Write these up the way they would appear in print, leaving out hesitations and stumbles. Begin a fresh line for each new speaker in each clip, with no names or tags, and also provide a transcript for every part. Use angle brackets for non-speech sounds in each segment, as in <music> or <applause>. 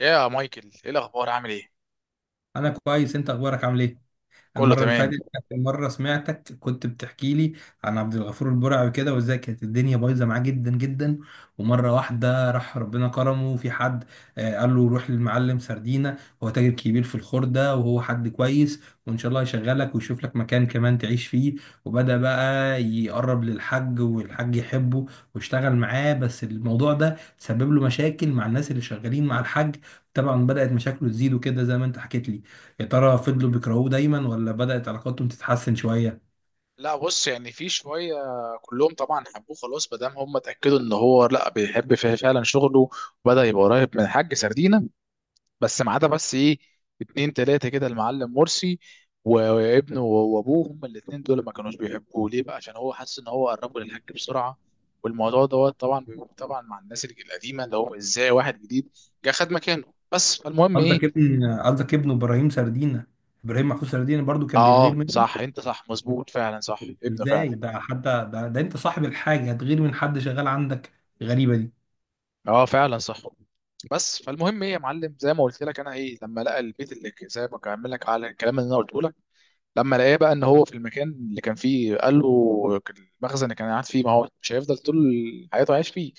يا مايكل، ايه الاخبار، عامل ايه؟
انا كويس، انت اخبارك عامل ايه؟
كله
المره اللي
تمام.
فاتت اخر مره سمعتك كنت بتحكي لي عن عبد الغفور البرعي كده وازاي كانت الدنيا بايظه معاه جدا جدا، ومره واحده راح ربنا كرمه وفي حد قال له روح للمعلم سردينه. هو تاجر كبير في الخردة وهو حد كويس، وان شاء الله يشغلك ويشوف لك مكان كمان تعيش فيه. وبدأ بقى يقرب للحج والحج يحبه، واشتغل معاه، بس الموضوع ده سبب له مشاكل مع الناس اللي شغالين مع الحج. طبعا بدأت مشاكله تزيد وكده زي ما انت حكيت لي. يا ترى فضلوا بيكرهوه دايما ولا بدأت علاقاتهم تتحسن شوية؟
لا بص، يعني في شويه. كلهم طبعا حبوه خلاص ما دام هم اتاكدوا ان هو لا بيحب فيه فعلا شغله، وبدا يبقى قريب من الحاج سردينه. بس ما عدا، بس ايه، اتنين تلاته كده، المعلم مرسي و- وابنه وابوه. هم الاتنين دول ما كانوش بيحبوه، ليه بقى؟ عشان هو حاسس ان هو قربه للحاج بسرعه. والموضوع دوت طبعا مع الناس القديمه، اللي هو ازاي واحد جديد جه خد مكانه. بس، فالمهم ايه.
قصدك ابنه ابراهيم سردينة، ابراهيم محفوظ سردينة، برضو كان بيغير
اه
منه.
صح، انت صح، مظبوط فعلا، صح ابنه
ازاي؟
فعلا.
ده انت صاحب الحاجة هتغير من حد شغال عندك؟ غريبة دي.
اه فعلا صح. بس فالمهم ايه يا معلم، زي ما قلت لك انا، ايه، لما لقى البيت اللي زي ما كمل لك على الكلام اللي انا قلته لك. لما لقاه بقى ان هو في المكان اللي كان فيه، قال له المخزن اللي كان قاعد فيه، ما هو مش هيفضل طول حياته عايش فيه.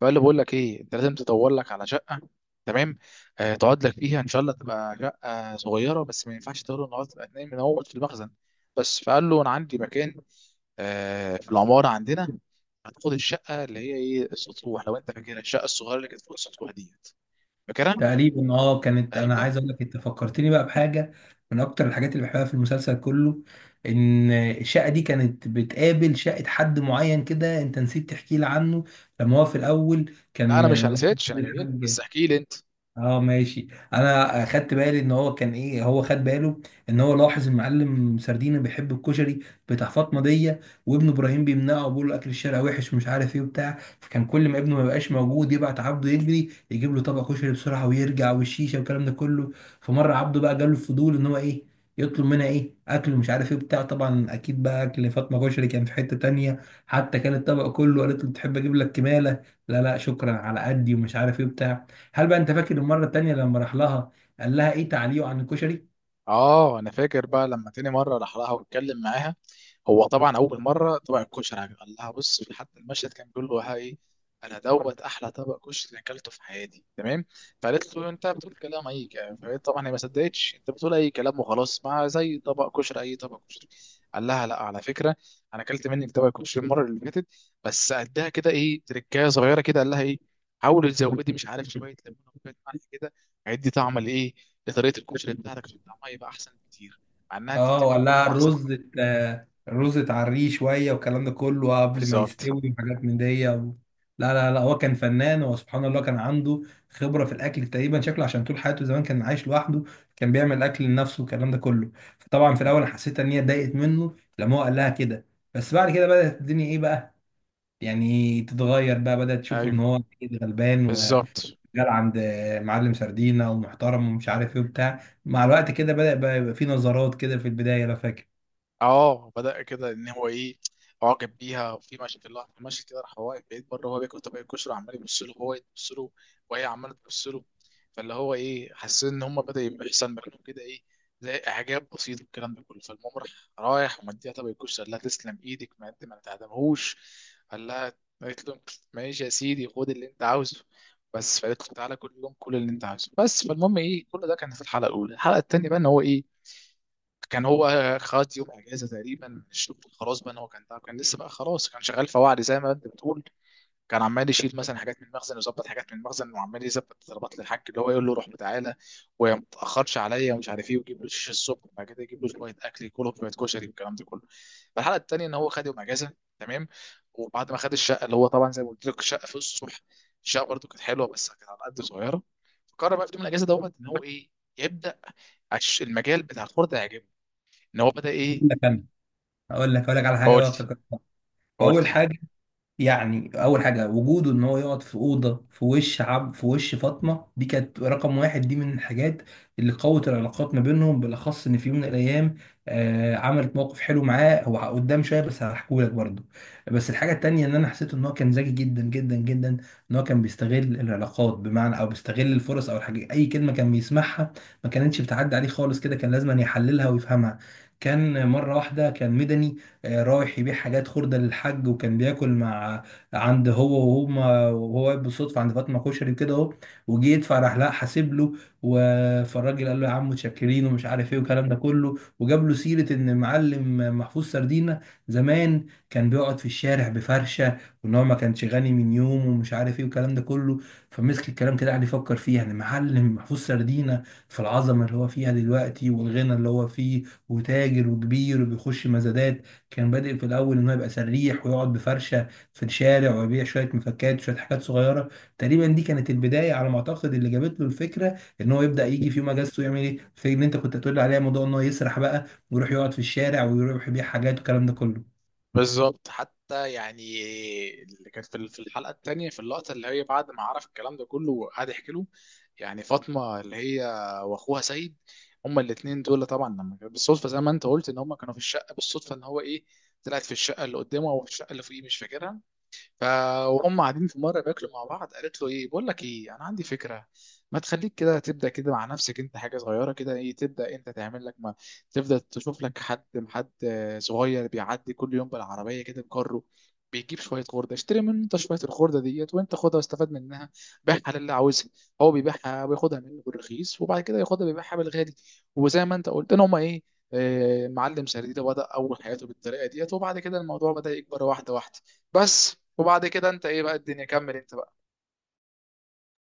فقال له بقول لك ايه، انت لازم تدور لك على شقه، تمام، تقعد لك فيها ان شاء الله، تبقى شقه صغيره بس ما ينفعش تقول ان هو تبقى اتنين من اول في المخزن. بس فقال له انا عندي مكان، في العماره عندنا. هتاخد الشقه اللي هي ايه، السطوح، لو انت فاكرها، الشقه الصغيره اللي كانت فوق السطوح ديت، فاكرها؟
تقريبا اه. كانت انا
ايوه.
عايز اقول لك، انت فكرتني بقى بحاجة من اكتر الحاجات اللي بحبها في المسلسل كله، ان الشقة دي كانت بتقابل شقة حد معين كده انت نسيت تحكي لي عنه، لما هو في الاول
لا
كان
انا مش
ملاحظ
هنسيتش، انا جاي لك، بس
الحاج.
احكي لي انت.
اه ماشي. انا خدت بالي ان هو كان ايه، هو خد باله ان هو لاحظ المعلم سردينة بيحب الكشري بتاع فاطمه دي، وابن ابراهيم بيمنعه وبيقول له اكل الشارع وحش ومش عارف ايه وبتاع، فكان كل ما ابنه ما يبقاش موجود يبعت عبده يجري يجيب له طبق كشري بسرعه ويرجع، والشيشه والكلام ده كله. فمره عبده بقى جاله الفضول ان هو ايه، يطلب منها ايه اكل ومش عارف ايه بتاع. طبعا اكيد بقى اكل فاطمه كشري كان في حته تانية، حتى كان الطبق كله قالت له تحب اجيب لك كماله، لا لا شكرا على قدي ومش عارف ايه بتاع. هل بقى انت فاكر المره التانيه لما راح لها قال لها ايه تعليقه عن الكشري؟
اه انا فاكر بقى، لما تاني مره راح لها واتكلم معاها، هو طبعا اول مره طبق الكشري عجب، قال لها بص، في حتى المشهد كان بيقول له: هاي، انا دوت احلى طبق كشري اكلته في حياتي، تمام. فقالت له انت بتقول كلام، اي كلام. فقالت طبعا هي ما صدقتش، انت بتقول اي كلام، وخلاص، ما زي طبق كشري اي طبق كشري. قال لها لا على فكره، انا اكلت منك طبق كشري المره اللي فاتت، بس قدها كده، ايه، تركايه صغيره كده. قال لها ايه، حاولي تزودي، مش عارف، شويه ليمون وشويه ملح كده، هيدي طعم لايه، لطريقه الكشري بتاعتك عشان طعمها يبقى احسن بكتير، مع انها انت
اه،
بتعمليه
وقال
كل
لها
ما احسن.
الرز <laughs> الرز اتعريه شويه والكلام ده كله قبل ما
بالظبط.
يستوي، وحاجات من دي لا لا لا، هو كان فنان، هو سبحان الله كان عنده خبره في الاكل تقريبا، شكله عشان طول حياته زمان كان عايش لوحده، كان بيعمل اكل لنفسه والكلام ده كله. فطبعا في الاول أنا حسيت ان هي اتضايقت منه لما هو قال لها كده، بس بعد كده بدات الدنيا ايه بقى، يعني تتغير بقى، بدات تشوف ان
ايوه،
هو أكيد غلبان،
بالظبط.
شغال عند معلم سردينة ومحترم ومش عارف ايه وبتاع. مع الوقت كده بدأ بقى يبقى في نظرات كده في البداية لو فاكر.
اه بدأ كده ان هو ايه، اعجب بيها، وفي ماشي في اللحظه ماشي كده، راح هو واقف بعيد بره وهو بياكل طبق الكشري، عمال يبص له وهو يبص له وهي عماله تبص له. فاللي هو ايه، حسيت ان هم بدأ يبقى يحصل مكانهم كده ايه، زي اعجاب بسيط والكلام ده كله. فالمهم راح، رايح ومديها طبق الكشري، قال لها تسلم ايدك، ما انت ما تعدمهوش، قال لها، قالت له ماشي يا سيدي، خد اللي انت عاوزه. بس فقالت له تعالى كل يوم، كل اللي انت عاوزه. بس فالمهم ايه، كل ده كان في الحلقه الاولى. الحلقه الثانيه بقى ان هو ايه، كان هو خد يوم اجازه تقريبا من الشغل، خلاص بقى إن هو كان تعب، كان لسه بقى خلاص كان شغال فواعلي زي ما انت بتقول. كان عمال يشيل مثلا حاجات من المخزن ويظبط حاجات من المخزن، وعمال يظبط طلبات للحاج اللي هو يقول له روح وتعالى وما تاخرش عليا ومش عارف ايه، ويجيب له شيش الصبح، وبعد كده يجيب له شويه اكل ياكله، شويه كشري والكلام ده كله. فالحلقه الثانيه ان هو خد يوم اجازه، تمام. وبعد ما خد الشقه، اللي هو طبعا زي ما قلت لك الشقه في الصبح، الشقه برده كانت حلوه بس كانت على قد، صغيره. فقرر بقى في يوم الاجازه دوت ان هو ايه، يبدا، المجال بتاع الخردة يعجبه، ان هو بدا
أقول
ايه.
لك أنا أقول لك أقول لك على حاجة بقى
قلت
افتكرتها. وأول
قلت.
حاجة، يعني اول حاجه وجوده ان هو يقعد في اوضه في وش فاطمه دي كانت رقم واحد، دي من الحاجات اللي قوت العلاقات ما بينهم، بالاخص ان في يوم من الايام عملت موقف حلو معاه هو قدام شويه، بس هحكولك برضه. بس الحاجه التانيه ان انا حسيت ان هو كان ذكي جدا جدا جدا، ان هو كان بيستغل العلاقات، بمعنى او بيستغل الفرص، او الحاجه اي كلمه كان بيسمعها ما كانتش بتعدي عليه خالص كده، كان لازم يحللها ويفهمها. كان مره واحده كان مدني رايح يبيع حاجات خردة للحاج، وكان بياكل مع عند هو وهما، وهو واقف بالصدفة عند فاطمة كشري كده اهو، وجه يدفع راح لا حاسب له. فالراجل قال له يا عم متشكرين ومش عارف ايه والكلام ده كله، وجاب له سيرة ان معلم محفوظ سردينة زمان كان بيقعد في الشارع بفرشة، وان هو ما كانش غني من يوم ومش عارف ايه والكلام ده كله. فمسك الكلام كده قعد يفكر فيه، يعني معلم محفوظ سردينة في العظمة اللي هو فيها دلوقتي والغنى اللي هو فيه، وتاجر وكبير وبيخش مزادات، كان بادئ في الاول ان هو يبقى سريح ويقعد بفرشه في الشارع ويبيع شويه مفكات وشويه حاجات صغيره. تقريبا دي كانت البدايه على ما اعتقد اللي جابت له الفكره ان هو يبدا يجي في يوم اجازته يعمل ايه، في ان انت كنت تقول لي عليها موضوع ان هو يسرح بقى ويروح يقعد في الشارع ويروح يبيع حاجات والكلام ده كله.
بالظبط حتى، يعني اللي كانت في الحلقه الثانيه، في اللقطه اللي هي بعد ما عرف الكلام ده كله وقعد يحكي له يعني فاطمه، اللي هي واخوها سيد، هما الاثنين دول طبعا، لما بالصدفه زي ما انت قلت ان هما كانوا في الشقه، بالصدفه ان هو ايه، طلعت في الشقه اللي قدامه او في الشقه اللي فوقيه، مش فاكرها. ف، وهم قاعدين في مره بياكلوا مع بعض، قالت له ايه، بقول لك ايه، انا عندي فكره، ما تخليك كده تبدا كده مع نفسك انت، حاجه صغيره كده، ايه، تبدا انت تعمل لك، ما تبدا تشوف لك حد، حد صغير بيعدي كل يوم بالعربيه كده بكره، بيجيب شويه خرده، اشتري منه انت شويه الخرده ديت وانت خدها واستفاد منها، بيعها للي عاوزها. هو بيبيعها وياخدها منه بالرخيص، وبعد كده ياخدها بيبيعها بالغالي. وزي ما انت قلت ان هم ايه، معلم سرديده بدأ أول حياته بالطريقة ديت، وبعد كده الموضوع بدأ يكبر واحدة واحدة. بس، وبعد كده انت ايه بقى الدنيا، كمل انت بقى.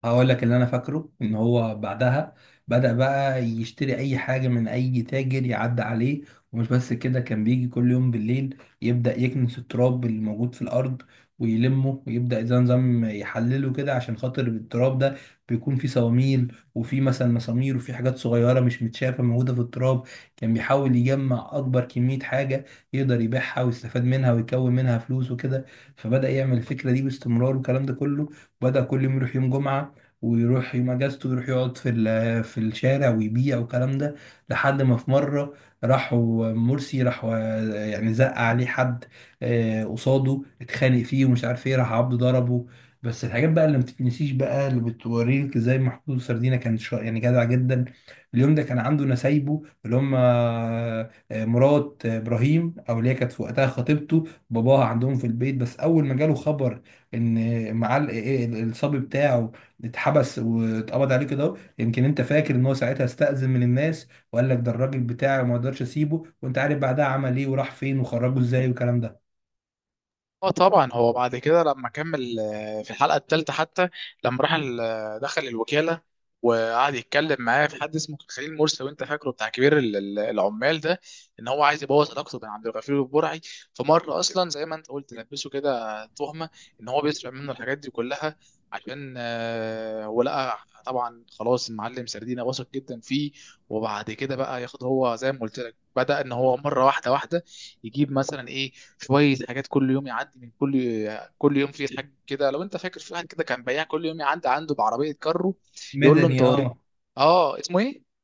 هقول لك اللي انا فاكره، ان هو بعدها بدأ بقى يشتري اي حاجة من اي تاجر يعدي عليه، ومش بس كده، كان بيجي كل يوم بالليل يبدأ يكنس التراب اللي موجود في الارض ويلمه ويبدأ زي نظام يحلله كده، عشان خاطر التراب ده بيكون فيه صواميل وفيه مثلا مسامير وفيه حاجات صغيرة مش متشافة موجودة في التراب. كان بيحاول يجمع أكبر كمية حاجة يقدر يبيعها ويستفاد منها ويكون منها فلوس وكده. فبدأ يعمل الفكرة دي باستمرار والكلام ده كله. بدأ كل يوم يروح يوم جمعة، ويروح يوم اجازته يروح يقعد في في الشارع ويبيع والكلام ده. لحد ما في مره راحوا مرسي، راحوا يعني زق عليه حد قصاده، اتخانق فيه ومش عارف ايه، راح عبده ضربه. بس الحاجات بقى اللي ما بتتنسيش بقى اللي بتوريك ازاي محمود سردينة كان يعني جدع جدا. اليوم ده كان عنده نسايبه اللي هم مرات ابراهيم او اللي هي كانت في وقتها خطيبته، باباها عندهم في البيت، بس اول ما جاله خبر ان مع الصبي بتاعه اتحبس واتقبض عليه كده اهو، يمكن انت فاكر ان هو ساعتها استأذن من الناس وقال لك ده الراجل بتاعي وما اقدرش اسيبه، وانت عارف بعدها عمل ايه وراح فين وخرجه ازاي والكلام ده.
اه طبعا هو بعد كده لما كمل، في الحلقه الثالثه حتى، لما راح دخل الوكاله، وقعد يتكلم معاه في حد اسمه خليل مرسي، وانت فاكره، بتاع كبير العمال ده، ان هو عايز يبوظ علاقته بين عبد الغفور والبرعي. فمره اصلا زي ما انت قلت لبسه كده تهمه ان هو بيسرق منه الحاجات دي كلها، عشان هو لقى، طبعا خلاص المعلم سردينه واثق جدا فيه. وبعد كده بقى ياخد هو زي ما قلت لك، بدأ ان هو مره واحده واحده يجيب مثلا ايه، شويه حاجات. كل يوم يعدي من كل يوم في حاجه كده. لو انت فاكر، في واحد كده كان بياع كل يوم يعدي عنده بعربيه كارو، يقول له انت
مدني
وري،
اه.
اه اسمه ايه،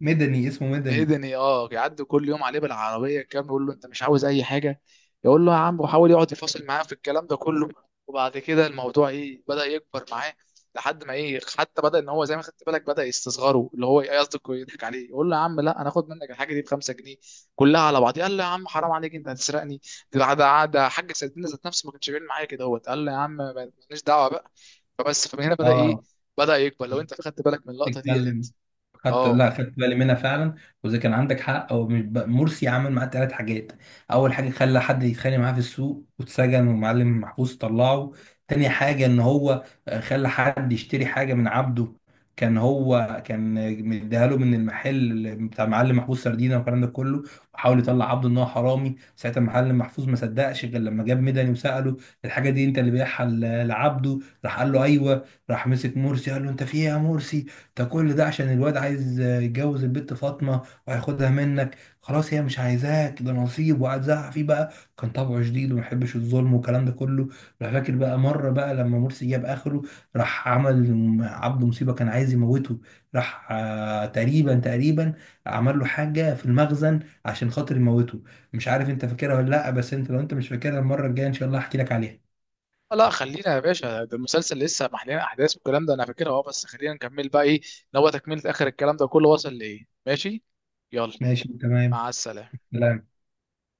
اسمه مدني.
مدني. اه يعدوا كل يوم عليه بالعربيه كام، يقول له انت مش عاوز اي حاجه، يقول له يا عم، وحاول يقعد يفاصل معاه في الكلام ده كله. وبعد كده الموضوع ايه، بدا يكبر معاه، لحد ما ايه، حتى بدا ان هو زي ما خدت بالك، بدا يستصغره، اللي هو قصدك يضحك عليه، يقول له يا عم لا، انا اخد منك الحاجه دي ب 5 جنيه كلها على بعض. قال له يا عم حرام عليك، انت هتسرقني، ده حاج سيدنا ذات نفسه ما كانش بيعمل معايا كده. هو قال له يا عم ماليش دعوه بقى. فبس، فمن هنا بدا ايه،
اه
بدا يكبر، لو انت خدت بالك من اللقطه ديت انت.
تتكلم. خدت
اه.
لا خدت بالي منها فعلا. وزي كان عندك حق، هو مش مرسي عمل معاه ثلاث حاجات. اول حاجه خلى حد يتخانق معاه في السوق واتسجن ومعلم محفوظ طلعه. تاني حاجه ان هو خلى حد يشتري حاجه من عبده، كان هو كان آه، مديها له من المحل بتاع معلم محفوظ سردينه والكلام ده كله، وحاول يطلع عبده ان هو حرامي. ساعتها معلم محفوظ ما صدقش غير لما جاب مدني وساله، الحاجه دي انت اللي بيعها لعبده؟ راح قال له ايوه، راح مسك مرسي قال له انت في ايه يا مرسي؟ ده كل ده عشان الواد عايز يتجوز البت فاطمة وهياخدها منك؟ خلاص هي مش عايزاك، ده نصيب. وقعد زعق فيه بقى، كان طبعه شديد وما يحبش الظلم والكلام ده كله. راح فاكر بقى مرة بقى لما مرسي جاب آخره، راح عمل عبده مصيبة كان عايز يموته، راح تقريبا عمل له حاجة في المخزن عشان خاطر يموته. مش عارف انت فاكرها ولا لا، بس انت لو انت مش فاكرها المرة الجاية ان شاء الله هحكي لك عليها.
لا خلينا يا باشا، ده المسلسل لسه محلين احداث، والكلام ده انا فاكرها اه، بس خلينا نكمل بقى ايه، ان هو تكمله، اخر الكلام ده كله وصل لايه. ماشي، يلا.
ماشي تمام.
مع السلامه.
لا.